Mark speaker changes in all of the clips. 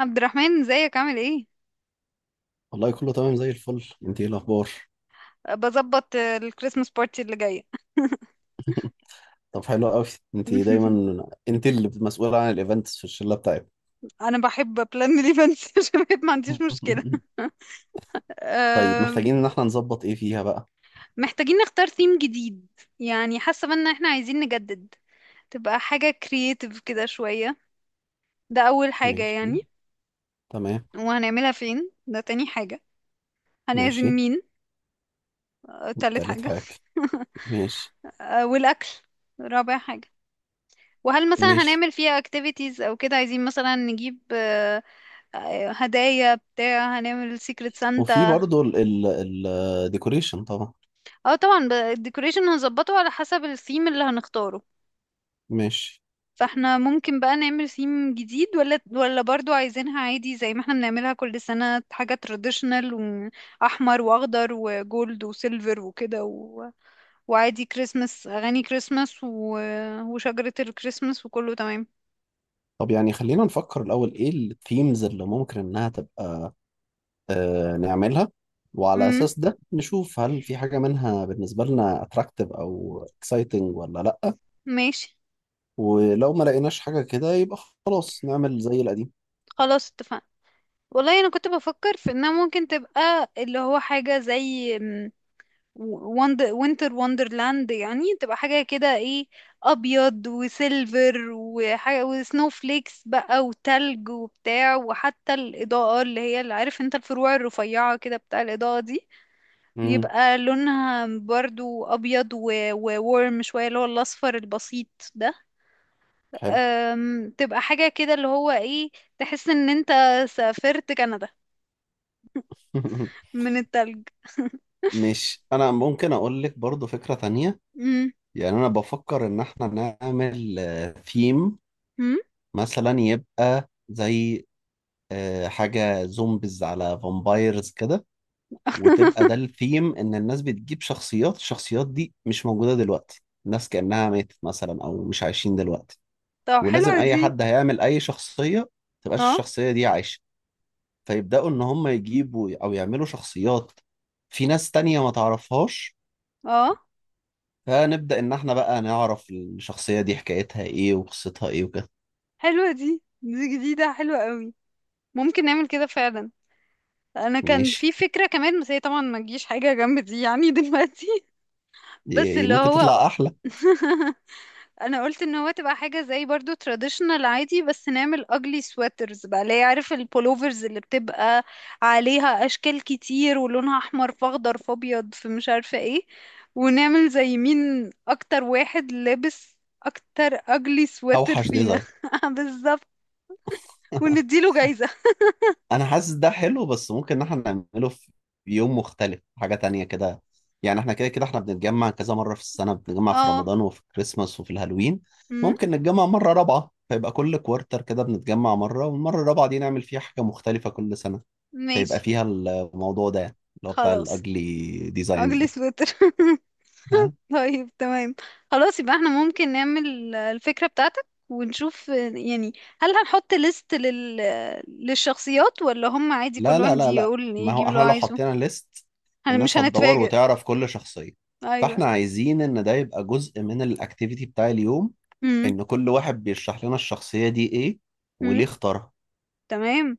Speaker 1: عبد الرحمن، ازيك؟ عامل ايه؟
Speaker 2: والله كله تمام زي الفل. انت ايه الاخبار؟
Speaker 1: بظبط. الكريسماس بارتي اللي جايه.
Speaker 2: طب حلو قوي. انت دايما، انت اللي مسؤولة عن الايفنتس في الشلة بتاعتك.
Speaker 1: انا بحب بلان الايفنتس. عشان ما عنديش مشكله.
Speaker 2: طيب
Speaker 1: آم،
Speaker 2: محتاجين ان احنا نظبط ايه فيها بقى.
Speaker 1: محتاجين نختار ثيم جديد. يعني حاسه بان احنا عايزين نجدد، تبقى حاجه كرييتيف كده شويه. ده اول حاجه
Speaker 2: ماشي.
Speaker 1: يعني.
Speaker 2: تمام.
Speaker 1: وهنعملها فين؟ ده تاني حاجه. هنعزم
Speaker 2: ماشي.
Speaker 1: مين؟ تالت
Speaker 2: تالت
Speaker 1: حاجه.
Speaker 2: حاجة. ماشي.
Speaker 1: والاكل، رابع حاجه. وهل مثلا
Speaker 2: ماشي.
Speaker 1: هنعمل فيها اكتيفيتيز او كده، عايزين مثلا نجيب هدايا بتاع، هنعمل سيكريت
Speaker 2: وفي
Speaker 1: سانتا.
Speaker 2: برضو الديكوريشن طبعا.
Speaker 1: اه طبعا الديكوريشن هنظبطه على حسب الثيم اللي هنختاره.
Speaker 2: ماشي.
Speaker 1: فاحنا ممكن بقى نعمل ثيم جديد ولا برضو عايزينها عادي زي ما احنا بنعملها كل سنة، حاجة تراديشنال، واحمر واخضر وجولد وسيلفر وكده وعادي كريسمس، اغاني كريسمس وشجرة الكريسمس وكله تمام.
Speaker 2: طب يعني خلينا نفكر الاول ايه الثيمز اللي ممكن انها تبقى نعملها، وعلى
Speaker 1: امم.
Speaker 2: اساس ده نشوف هل في حاجة منها بالنسبة لنا اتراكتيف او اكسايتنج ولا لا.
Speaker 1: ماشي.
Speaker 2: ولو ما لقيناش حاجة كده يبقى خلاص نعمل زي القديم.
Speaker 1: خلاص اتفقنا. والله انا كنت بفكر في انها ممكن تبقى اللي هو حاجة زي وندر، وينتر وندرلاند، يعني تبقى حاجة كده ايه، أبيض وسيلفر وحاجة وسنو فليكس بقى وتلج وبتاع، وحتى الإضاءة اللي هي اللي عارف انت، الفروع الرفيعة كده بتاع الإضاءة دي،
Speaker 2: امم.
Speaker 1: يبقى لونها برضو أبيض وورم شوية اللي هو الأصفر البسيط ده.
Speaker 2: حلو.
Speaker 1: تبقى حاجة كده اللي هو ايه، تحس ان انت سافرت كندا من التلج.
Speaker 2: مش انا ممكن اقول لك برضو فكرة تانية.
Speaker 1: امم.
Speaker 2: يعني انا بفكر ان احنا نعمل ثيم مثلا يبقى زي حاجة زومبيز على فامبايرز كده، وتبقى ده الثيم ان الناس بتجيب شخصيات. الشخصيات دي مش موجودة دلوقتي، الناس كأنها ماتت مثلا او مش عايشين دلوقتي.
Speaker 1: طب
Speaker 2: ولازم
Speaker 1: حلوة
Speaker 2: اي
Speaker 1: دي.
Speaker 2: حد هيعمل اي شخصية تبقاش
Speaker 1: اه.
Speaker 2: الشخصية دي عايشة، فيبدأوا إن هم يجيبوا أو يعملوا شخصيات في ناس تانية ما تعرفهاش،
Speaker 1: اه
Speaker 2: فنبدأ إن إحنا بقى نعرف الشخصية دي حكايتها إيه وقصتها إيه وكده.
Speaker 1: حلوة دي، دي جديدة حلوة قوي. ممكن نعمل كده فعلا. انا كان
Speaker 2: ماشي.
Speaker 1: في فكرة كمان بس هي طبعا ما تجيش حاجة جنب دي يعني دلوقتي. بس
Speaker 2: دي
Speaker 1: اللي
Speaker 2: ممكن
Speaker 1: هو
Speaker 2: تطلع أحلى.
Speaker 1: انا قلت ان هو تبقى حاجة زي برضو traditional عادي، بس نعمل ugly sweaters بقى اللي هي عارف، البولوفرز اللي بتبقى عليها اشكال كتير، ولونها احمر في اخضر في ابيض في مش عارفة ايه. ونعمل زي مين اكتر واحد لابس اكتر ugly sweater
Speaker 2: أوحش
Speaker 1: فينا.
Speaker 2: ديزاين.
Speaker 1: بالظبط. ونديله جايزة.
Speaker 2: أنا حاسس ده حلو بس ممكن إن إحنا نعمله في يوم مختلف، حاجة تانية كده. يعني إحنا كده كده إحنا بنتجمع كذا مرة في السنة، بنتجمع في
Speaker 1: اه.
Speaker 2: رمضان وفي كريسماس وفي الهالوين.
Speaker 1: امم.
Speaker 2: ممكن نتجمع مرة رابعة فيبقى كل كوارتر كده بنتجمع مرة، والمرة الرابعة دي نعمل فيها حاجة مختلفة كل سنة. هيبقى
Speaker 1: ماشي.
Speaker 2: فيها الموضوع ده اللي هو بتاع
Speaker 1: خلاص.
Speaker 2: الاجلي ديزاينز
Speaker 1: اجلي
Speaker 2: ده.
Speaker 1: سويتر.
Speaker 2: ها.
Speaker 1: طيب تمام. خلاص يبقى احنا ممكن نعمل الفكرة بتاعتك، ونشوف يعني هل هنحط ليست للشخصيات، ولا هم عادي
Speaker 2: لا
Speaker 1: كل
Speaker 2: لا
Speaker 1: واحد
Speaker 2: لا لا،
Speaker 1: يقول
Speaker 2: ما
Speaker 1: يجيب
Speaker 2: هو
Speaker 1: اللي هو
Speaker 2: احنا لو
Speaker 1: عايزه،
Speaker 2: حطينا ليست
Speaker 1: هن مش
Speaker 2: الناس هتدور
Speaker 1: هنتفاجئ.
Speaker 2: وتعرف كل شخصية،
Speaker 1: ايوه.
Speaker 2: فاحنا عايزين ان ده يبقى جزء من الاكتيفيتي بتاع اليوم،
Speaker 1: امم.
Speaker 2: ان كل واحد بيشرح لنا الشخصية دي ايه
Speaker 1: امم.
Speaker 2: وليه اختارها.
Speaker 1: تمام.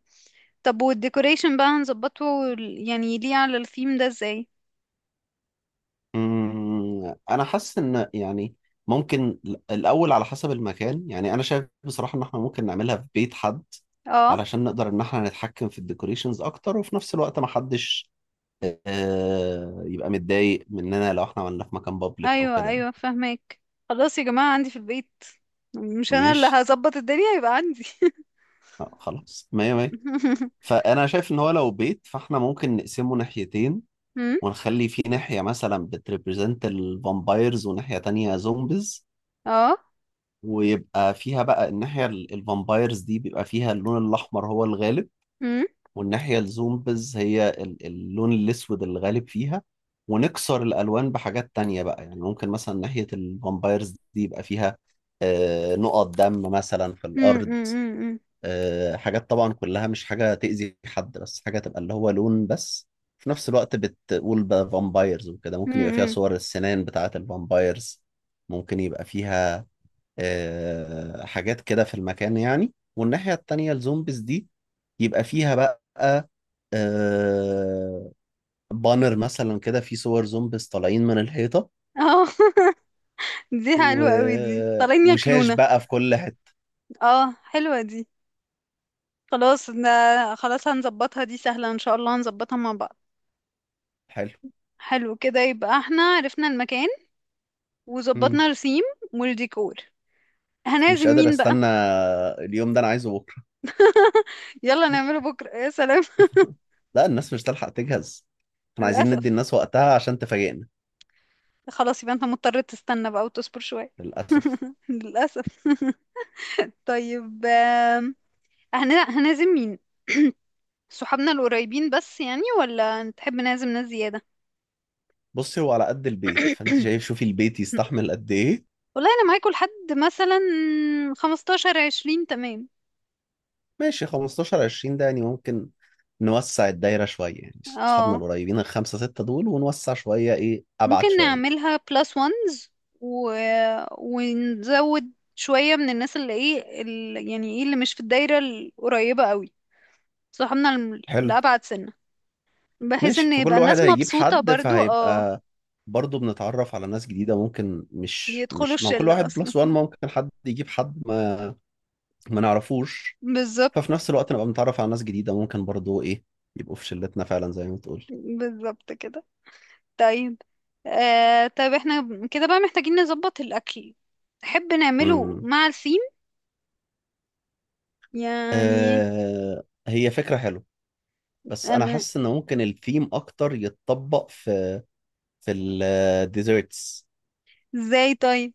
Speaker 1: طب والديكوريشن بقى هنظبطه يعني ليه على الثيم ده ازاي؟
Speaker 2: انا حاسس ان يعني ممكن الاول على حسب المكان. يعني انا شايف بصراحة ان احنا ممكن نعملها في بيت حد
Speaker 1: اه.
Speaker 2: علشان نقدر ان احنا نتحكم في الديكوريشنز اكتر، وفي نفس الوقت ما حدش يبقى متضايق مننا لو احنا عملناه في مكان بابليك او
Speaker 1: ايوه
Speaker 2: كده يعني.
Speaker 1: ايوه، فهمك. خلاص يا جماعة، عندي في البيت. مش انا اللي
Speaker 2: ماشي.
Speaker 1: هظبط الدنيا، يبقى عندي.
Speaker 2: خلاص مية مية. فانا شايف ان هو لو بيت فاحنا ممكن نقسمه ناحيتين،
Speaker 1: أمم.
Speaker 2: ونخلي فيه ناحية مثلا بتريبريزنت الفامبايرز وناحية تانية زومبيز.
Speaker 1: اه.
Speaker 2: ويبقى فيها بقى الناحية الفامبايرز دي بيبقى فيها اللون الأحمر هو الغالب،
Speaker 1: أمم.
Speaker 2: والناحية الزومبز هي اللون الأسود الغالب فيها. ونكسر الألوان بحاجات تانية بقى، يعني ممكن مثلا ناحية الفامبايرز دي يبقى فيها نقط دم مثلا في
Speaker 1: أمم.
Speaker 2: الأرض.
Speaker 1: أمم.
Speaker 2: حاجات طبعا كلها مش حاجة تأذي حد، بس حاجة تبقى اللي هو لون بس، في نفس الوقت بتقول بقى فامبايرز وكده.
Speaker 1: أمم.
Speaker 2: ممكن يبقى فيها
Speaker 1: أمم.
Speaker 2: صور السنان بتاعة الفامبايرز، ممكن يبقى فيها حاجات كده في المكان يعني. والناحية التانية الزومبيز دي يبقى فيها بقى آه، بانر مثلا كده فيه صور زومبيز طالعين من الحيطة،
Speaker 1: اه. دي
Speaker 2: و...
Speaker 1: حلوة قوي، دي طالعين
Speaker 2: وشاش
Speaker 1: ياكلونا.
Speaker 2: بقى في كل حتة.
Speaker 1: اه حلوة دي. خلاص ده. خلاص هنظبطها، دي سهلة ان شاء الله هنظبطها مع بعض.
Speaker 2: حلو.
Speaker 1: حلو كده، يبقى احنا عرفنا المكان وظبطنا
Speaker 2: مم.
Speaker 1: الثيم والديكور.
Speaker 2: مش
Speaker 1: هنعزم
Speaker 2: قادر
Speaker 1: مين بقى؟
Speaker 2: استنى، اليوم ده انا عايزه بكرة.
Speaker 1: يلا نعمله بكرة، يا سلام.
Speaker 2: لا الناس مش تلحق تجهز، احنا عايزين ندي
Speaker 1: للأسف.
Speaker 2: الناس وقتها عشان تفاجئنا.
Speaker 1: خلاص يبقى انت مضطر تستنى بقى وتصبر شوية.
Speaker 2: للأسف.
Speaker 1: للأسف. طيب هنعزم مين؟ صحابنا القريبين بس يعني، ولا تحب نعزم ناس زيادة؟
Speaker 2: بصي، هو على قد البيت، فانت شايف شوفي البيت يستحمل قد ايه.
Speaker 1: والله انا معاكوا لحد مثلا 15 20، تمام.
Speaker 2: ماشي، 15 20 ده يعني ممكن نوسع الدايرة شوية يعني، أصحابنا
Speaker 1: اه.
Speaker 2: القريبين الخمسة ستة دول ونوسع شوية إيه أبعد
Speaker 1: ممكن
Speaker 2: شوية.
Speaker 1: نعملها بلس وانز و... ونزود شوية من الناس اللي ايه يعني ايه اللي مش في الدايرة القريبة قوي، صحابنا
Speaker 2: حلو.
Speaker 1: الأبعد سنة، بحيث
Speaker 2: ماشي،
Speaker 1: ان
Speaker 2: فكل
Speaker 1: يبقى
Speaker 2: واحد
Speaker 1: الناس
Speaker 2: هيجيب
Speaker 1: مبسوطة
Speaker 2: حد
Speaker 1: برضو. اه
Speaker 2: فهيبقى برضه بنتعرف على ناس جديدة. ممكن مش
Speaker 1: يدخلوا
Speaker 2: مش ما هو كل
Speaker 1: الشلة
Speaker 2: واحد
Speaker 1: اصلا.
Speaker 2: بلس وان ممكن حد يجيب حد ما نعرفوش. ففي
Speaker 1: بالظبط.
Speaker 2: نفس الوقت نبقى بنتعرف على ناس جديدة، ممكن برضه إيه يبقوا في شلتنا فعلا زي ما تقول.
Speaker 1: بالظبط كده. طيب. آه طيب احنا كده بقى محتاجين نظبط الاكل. تحب نعمله
Speaker 2: امم.
Speaker 1: مع الثيم يعني.
Speaker 2: آه هي فكرة حلوة، بس أنا
Speaker 1: انا
Speaker 2: حاسس إن ممكن الثيم أكتر يتطبق في في الديزرتس.
Speaker 1: ازاي طيب،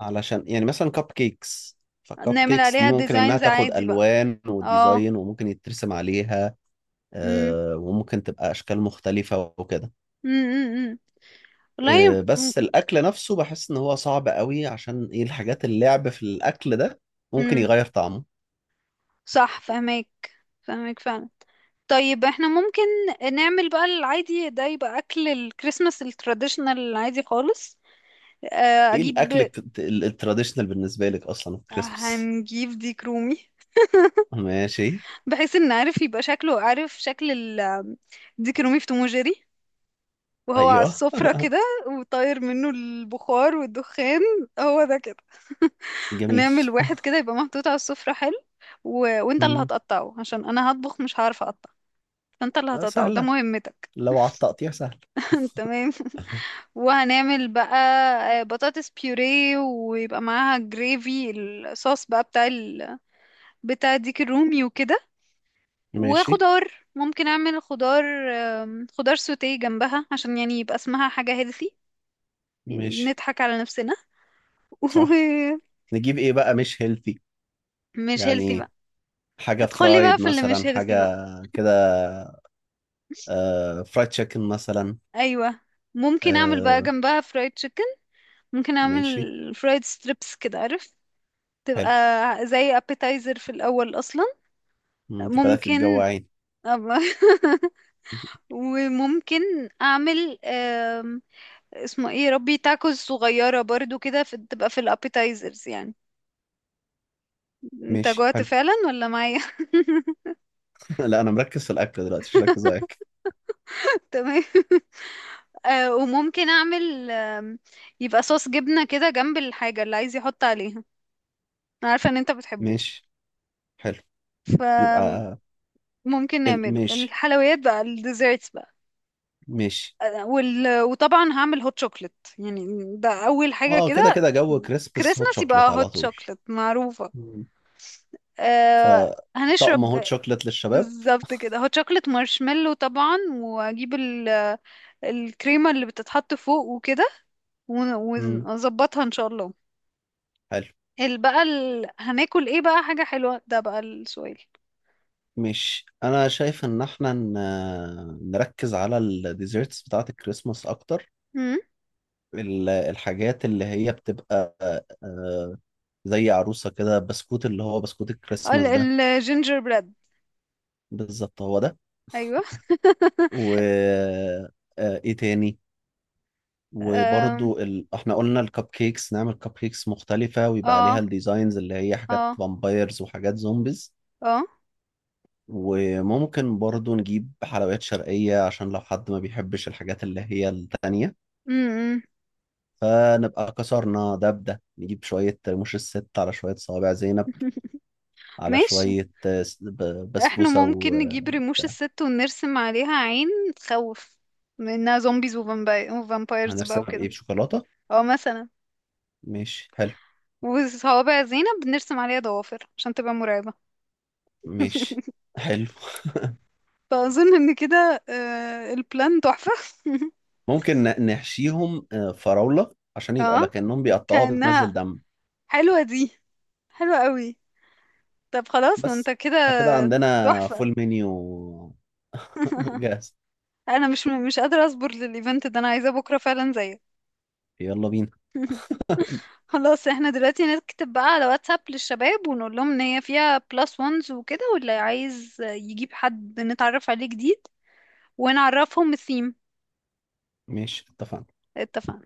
Speaker 2: علشان يعني مثلا كب كيكس، فكب
Speaker 1: نعمل
Speaker 2: كيكس دي
Speaker 1: عليها
Speaker 2: ممكن انها
Speaker 1: ديزاينز
Speaker 2: تاخد
Speaker 1: عادي بقى.
Speaker 2: الوان
Speaker 1: اه.
Speaker 2: وديزاين وممكن يترسم عليها.
Speaker 1: امم.
Speaker 2: وممكن تبقى اشكال مختلفة وكده.
Speaker 1: امم. والله.
Speaker 2: بس الاكل نفسه بحس ان هو صعب قوي، عشان ايه الحاجات اللعب في الاكل ده ممكن
Speaker 1: امم.
Speaker 2: يغير طعمه.
Speaker 1: صح فهمك. فهمك فعلا. طيب احنا ممكن نعمل بقى العادي ده، يبقى اكل الكريسماس التراديشنال العادي خالص.
Speaker 2: ايه الاكل
Speaker 1: اجيب،
Speaker 2: التراديشنال بالنسبة لك اصلا في كريسمس؟
Speaker 1: هنجيب ديك رومي،
Speaker 2: ماشي.
Speaker 1: بحيث ان عارف يبقى شكله، عارف شكل ديك رومي في توم وجيري، وهو على
Speaker 2: ايوه.
Speaker 1: السفرة كده، وطاير منه البخار والدخان، هو ده كده.
Speaker 2: جميل.
Speaker 1: نعمل واحد كده يبقى محطوط على السفرة، حلو. وانت اللي
Speaker 2: مم.
Speaker 1: هتقطعه، عشان انا هطبخ مش هعرف اقطع، فانت اللي هتقطعه، ده
Speaker 2: سهلة،
Speaker 1: مهمتك.
Speaker 2: لو على التقطيع سهل.
Speaker 1: تمام. وهنعمل بقى بطاطس بيوريه، ويبقى معاها جريفي، الصوص بقى بتاع بتاع ديك الرومي وكده.
Speaker 2: ماشي.
Speaker 1: وخضار، ممكن اعمل خضار، خضار سوتيه جنبها، عشان يعني يبقى اسمها حاجة هيلثي يعني،
Speaker 2: ماشي.
Speaker 1: بنضحك على نفسنا.
Speaker 2: صح.
Speaker 1: ومش
Speaker 2: نجيب ايه بقى مش هيلثي
Speaker 1: هيلثي
Speaker 2: يعني،
Speaker 1: بقى،
Speaker 2: حاجة
Speaker 1: ادخلي بقى
Speaker 2: فرايد
Speaker 1: في اللي
Speaker 2: مثلا،
Speaker 1: مش
Speaker 2: حاجة
Speaker 1: هيلثي بقى.
Speaker 2: كده. آه فرايد تشيكن مثلا.
Speaker 1: ايوه. ممكن اعمل بقى
Speaker 2: آه.
Speaker 1: جنبها فرايد تشيكن. ممكن
Speaker 2: ماشي
Speaker 1: اعمل فرايد ستريبس كده عارف، تبقى
Speaker 2: حلو.
Speaker 1: زي ابيتايزر في الاول اصلا.
Speaker 2: مم، انت بدأتي
Speaker 1: ممكن
Speaker 2: تجوعين.
Speaker 1: أب- وممكن اعمل اسمه ايه يا ربي، تاكوز صغيرة برضو كده تبقى في الابيتايزرز يعني. انت
Speaker 2: ماشي
Speaker 1: جوعت
Speaker 2: حلو.
Speaker 1: فعلا ولا معايا؟
Speaker 2: لا انا مركز في الاكل دلوقتي، مش مركز على الاكل.
Speaker 1: تمام. آه وممكن اعمل يبقى صوص جبنة كده جنب الحاجة اللي عايز يحط عليها، انا عارفة ان انت بتحبه.
Speaker 2: ماشي حلو.
Speaker 1: فممكن
Speaker 2: يبقى
Speaker 1: نعمله
Speaker 2: ماشي.
Speaker 1: الحلويات بقى، الديزيرتس بقى.
Speaker 2: ماشي.
Speaker 1: وطبعا هعمل هوت شوكليت يعني، ده اول حاجة
Speaker 2: اه كده
Speaker 1: كده.
Speaker 2: كده جو كريسبس هوت
Speaker 1: كريسماس
Speaker 2: شوكليت
Speaker 1: يبقى
Speaker 2: على
Speaker 1: هوت
Speaker 2: طول.
Speaker 1: شوكليت معروفة.
Speaker 2: مم.
Speaker 1: آه.
Speaker 2: فطقم هوت
Speaker 1: هنشرب
Speaker 2: شوكليت للشباب.
Speaker 1: بالظبط كده هوت شوكليت، مارشميلو طبعا، واجيب الكريمة اللي بتتحط فوق وكده.
Speaker 2: مم.
Speaker 1: ونظبطها ان شاء الله.
Speaker 2: حلو.
Speaker 1: ال بقى هناكل ايه بقى، حاجة حلوة، ده بقى السؤال.
Speaker 2: مش انا شايف ان احنا نركز على الديزرتس بتاعه الكريسماس اكتر.
Speaker 1: امم.
Speaker 2: الحاجات اللي هي بتبقى آه، زي عروسة كده بسكوت، اللي هو بسكوت الكريسماس ده.
Speaker 1: ال... الجينجر بريد.
Speaker 2: بالظبط هو ده.
Speaker 1: ايوه.
Speaker 2: و ايه تاني؟
Speaker 1: أم.
Speaker 2: وبرضو ال... احنا قلنا الكب كيكس نعمل كب كيكس مختلفة ويبقى عليها
Speaker 1: اه.
Speaker 2: الديزاينز اللي هي حاجات
Speaker 1: اه.
Speaker 2: فامبايرز وحاجات زومبيز.
Speaker 1: اه.
Speaker 2: وممكن برضو نجيب حلويات شرقية عشان لو حد ما بيحبش الحاجات اللي هي التانية،
Speaker 1: امم.
Speaker 2: فنبقى كسرنا دبدة. نجيب شوية رموش الست على شوية صوابع زينب على
Speaker 1: ماشي.
Speaker 2: شوية
Speaker 1: احنا
Speaker 2: بسبوسة.
Speaker 1: ممكن نجيب رموش الست ونرسم عليها عين تخوف منها، زومبيز وفامبايرز بقى
Speaker 2: وهنرسمها
Speaker 1: وكده.
Speaker 2: بإيه، بشوكولاتة؟
Speaker 1: اه مثلا.
Speaker 2: ماشي حلو.
Speaker 1: وصوابع زينب بنرسم عليها ضوافر عشان تبقى مرعبة.
Speaker 2: ماشي حلو.
Speaker 1: فأظن ان كده البلان تحفة.
Speaker 2: ممكن نحشيهم فراولة عشان يبقى
Speaker 1: اه
Speaker 2: لكأنهم بيقطعوها بتنزل
Speaker 1: كأنها.
Speaker 2: دم.
Speaker 1: حلوة دي. حلو قوي. طب خلاص، ما انت
Speaker 2: بس
Speaker 1: كده
Speaker 2: كده عندنا
Speaker 1: تحفة.
Speaker 2: فول منيو. جاهز.
Speaker 1: انا مش قادرة اصبر للايفنت ده، انا عايزاه بكرة فعلا زيك.
Speaker 2: يلا بينا.
Speaker 1: خلاص احنا دلوقتي نكتب بقى على واتساب للشباب، ونقول لهم ان هي فيها بلس وانز وكده، واللي عايز يجيب حد نتعرف عليه جديد، ونعرفهم الثيم.
Speaker 2: ماشي اتفقنا.
Speaker 1: اتفقنا.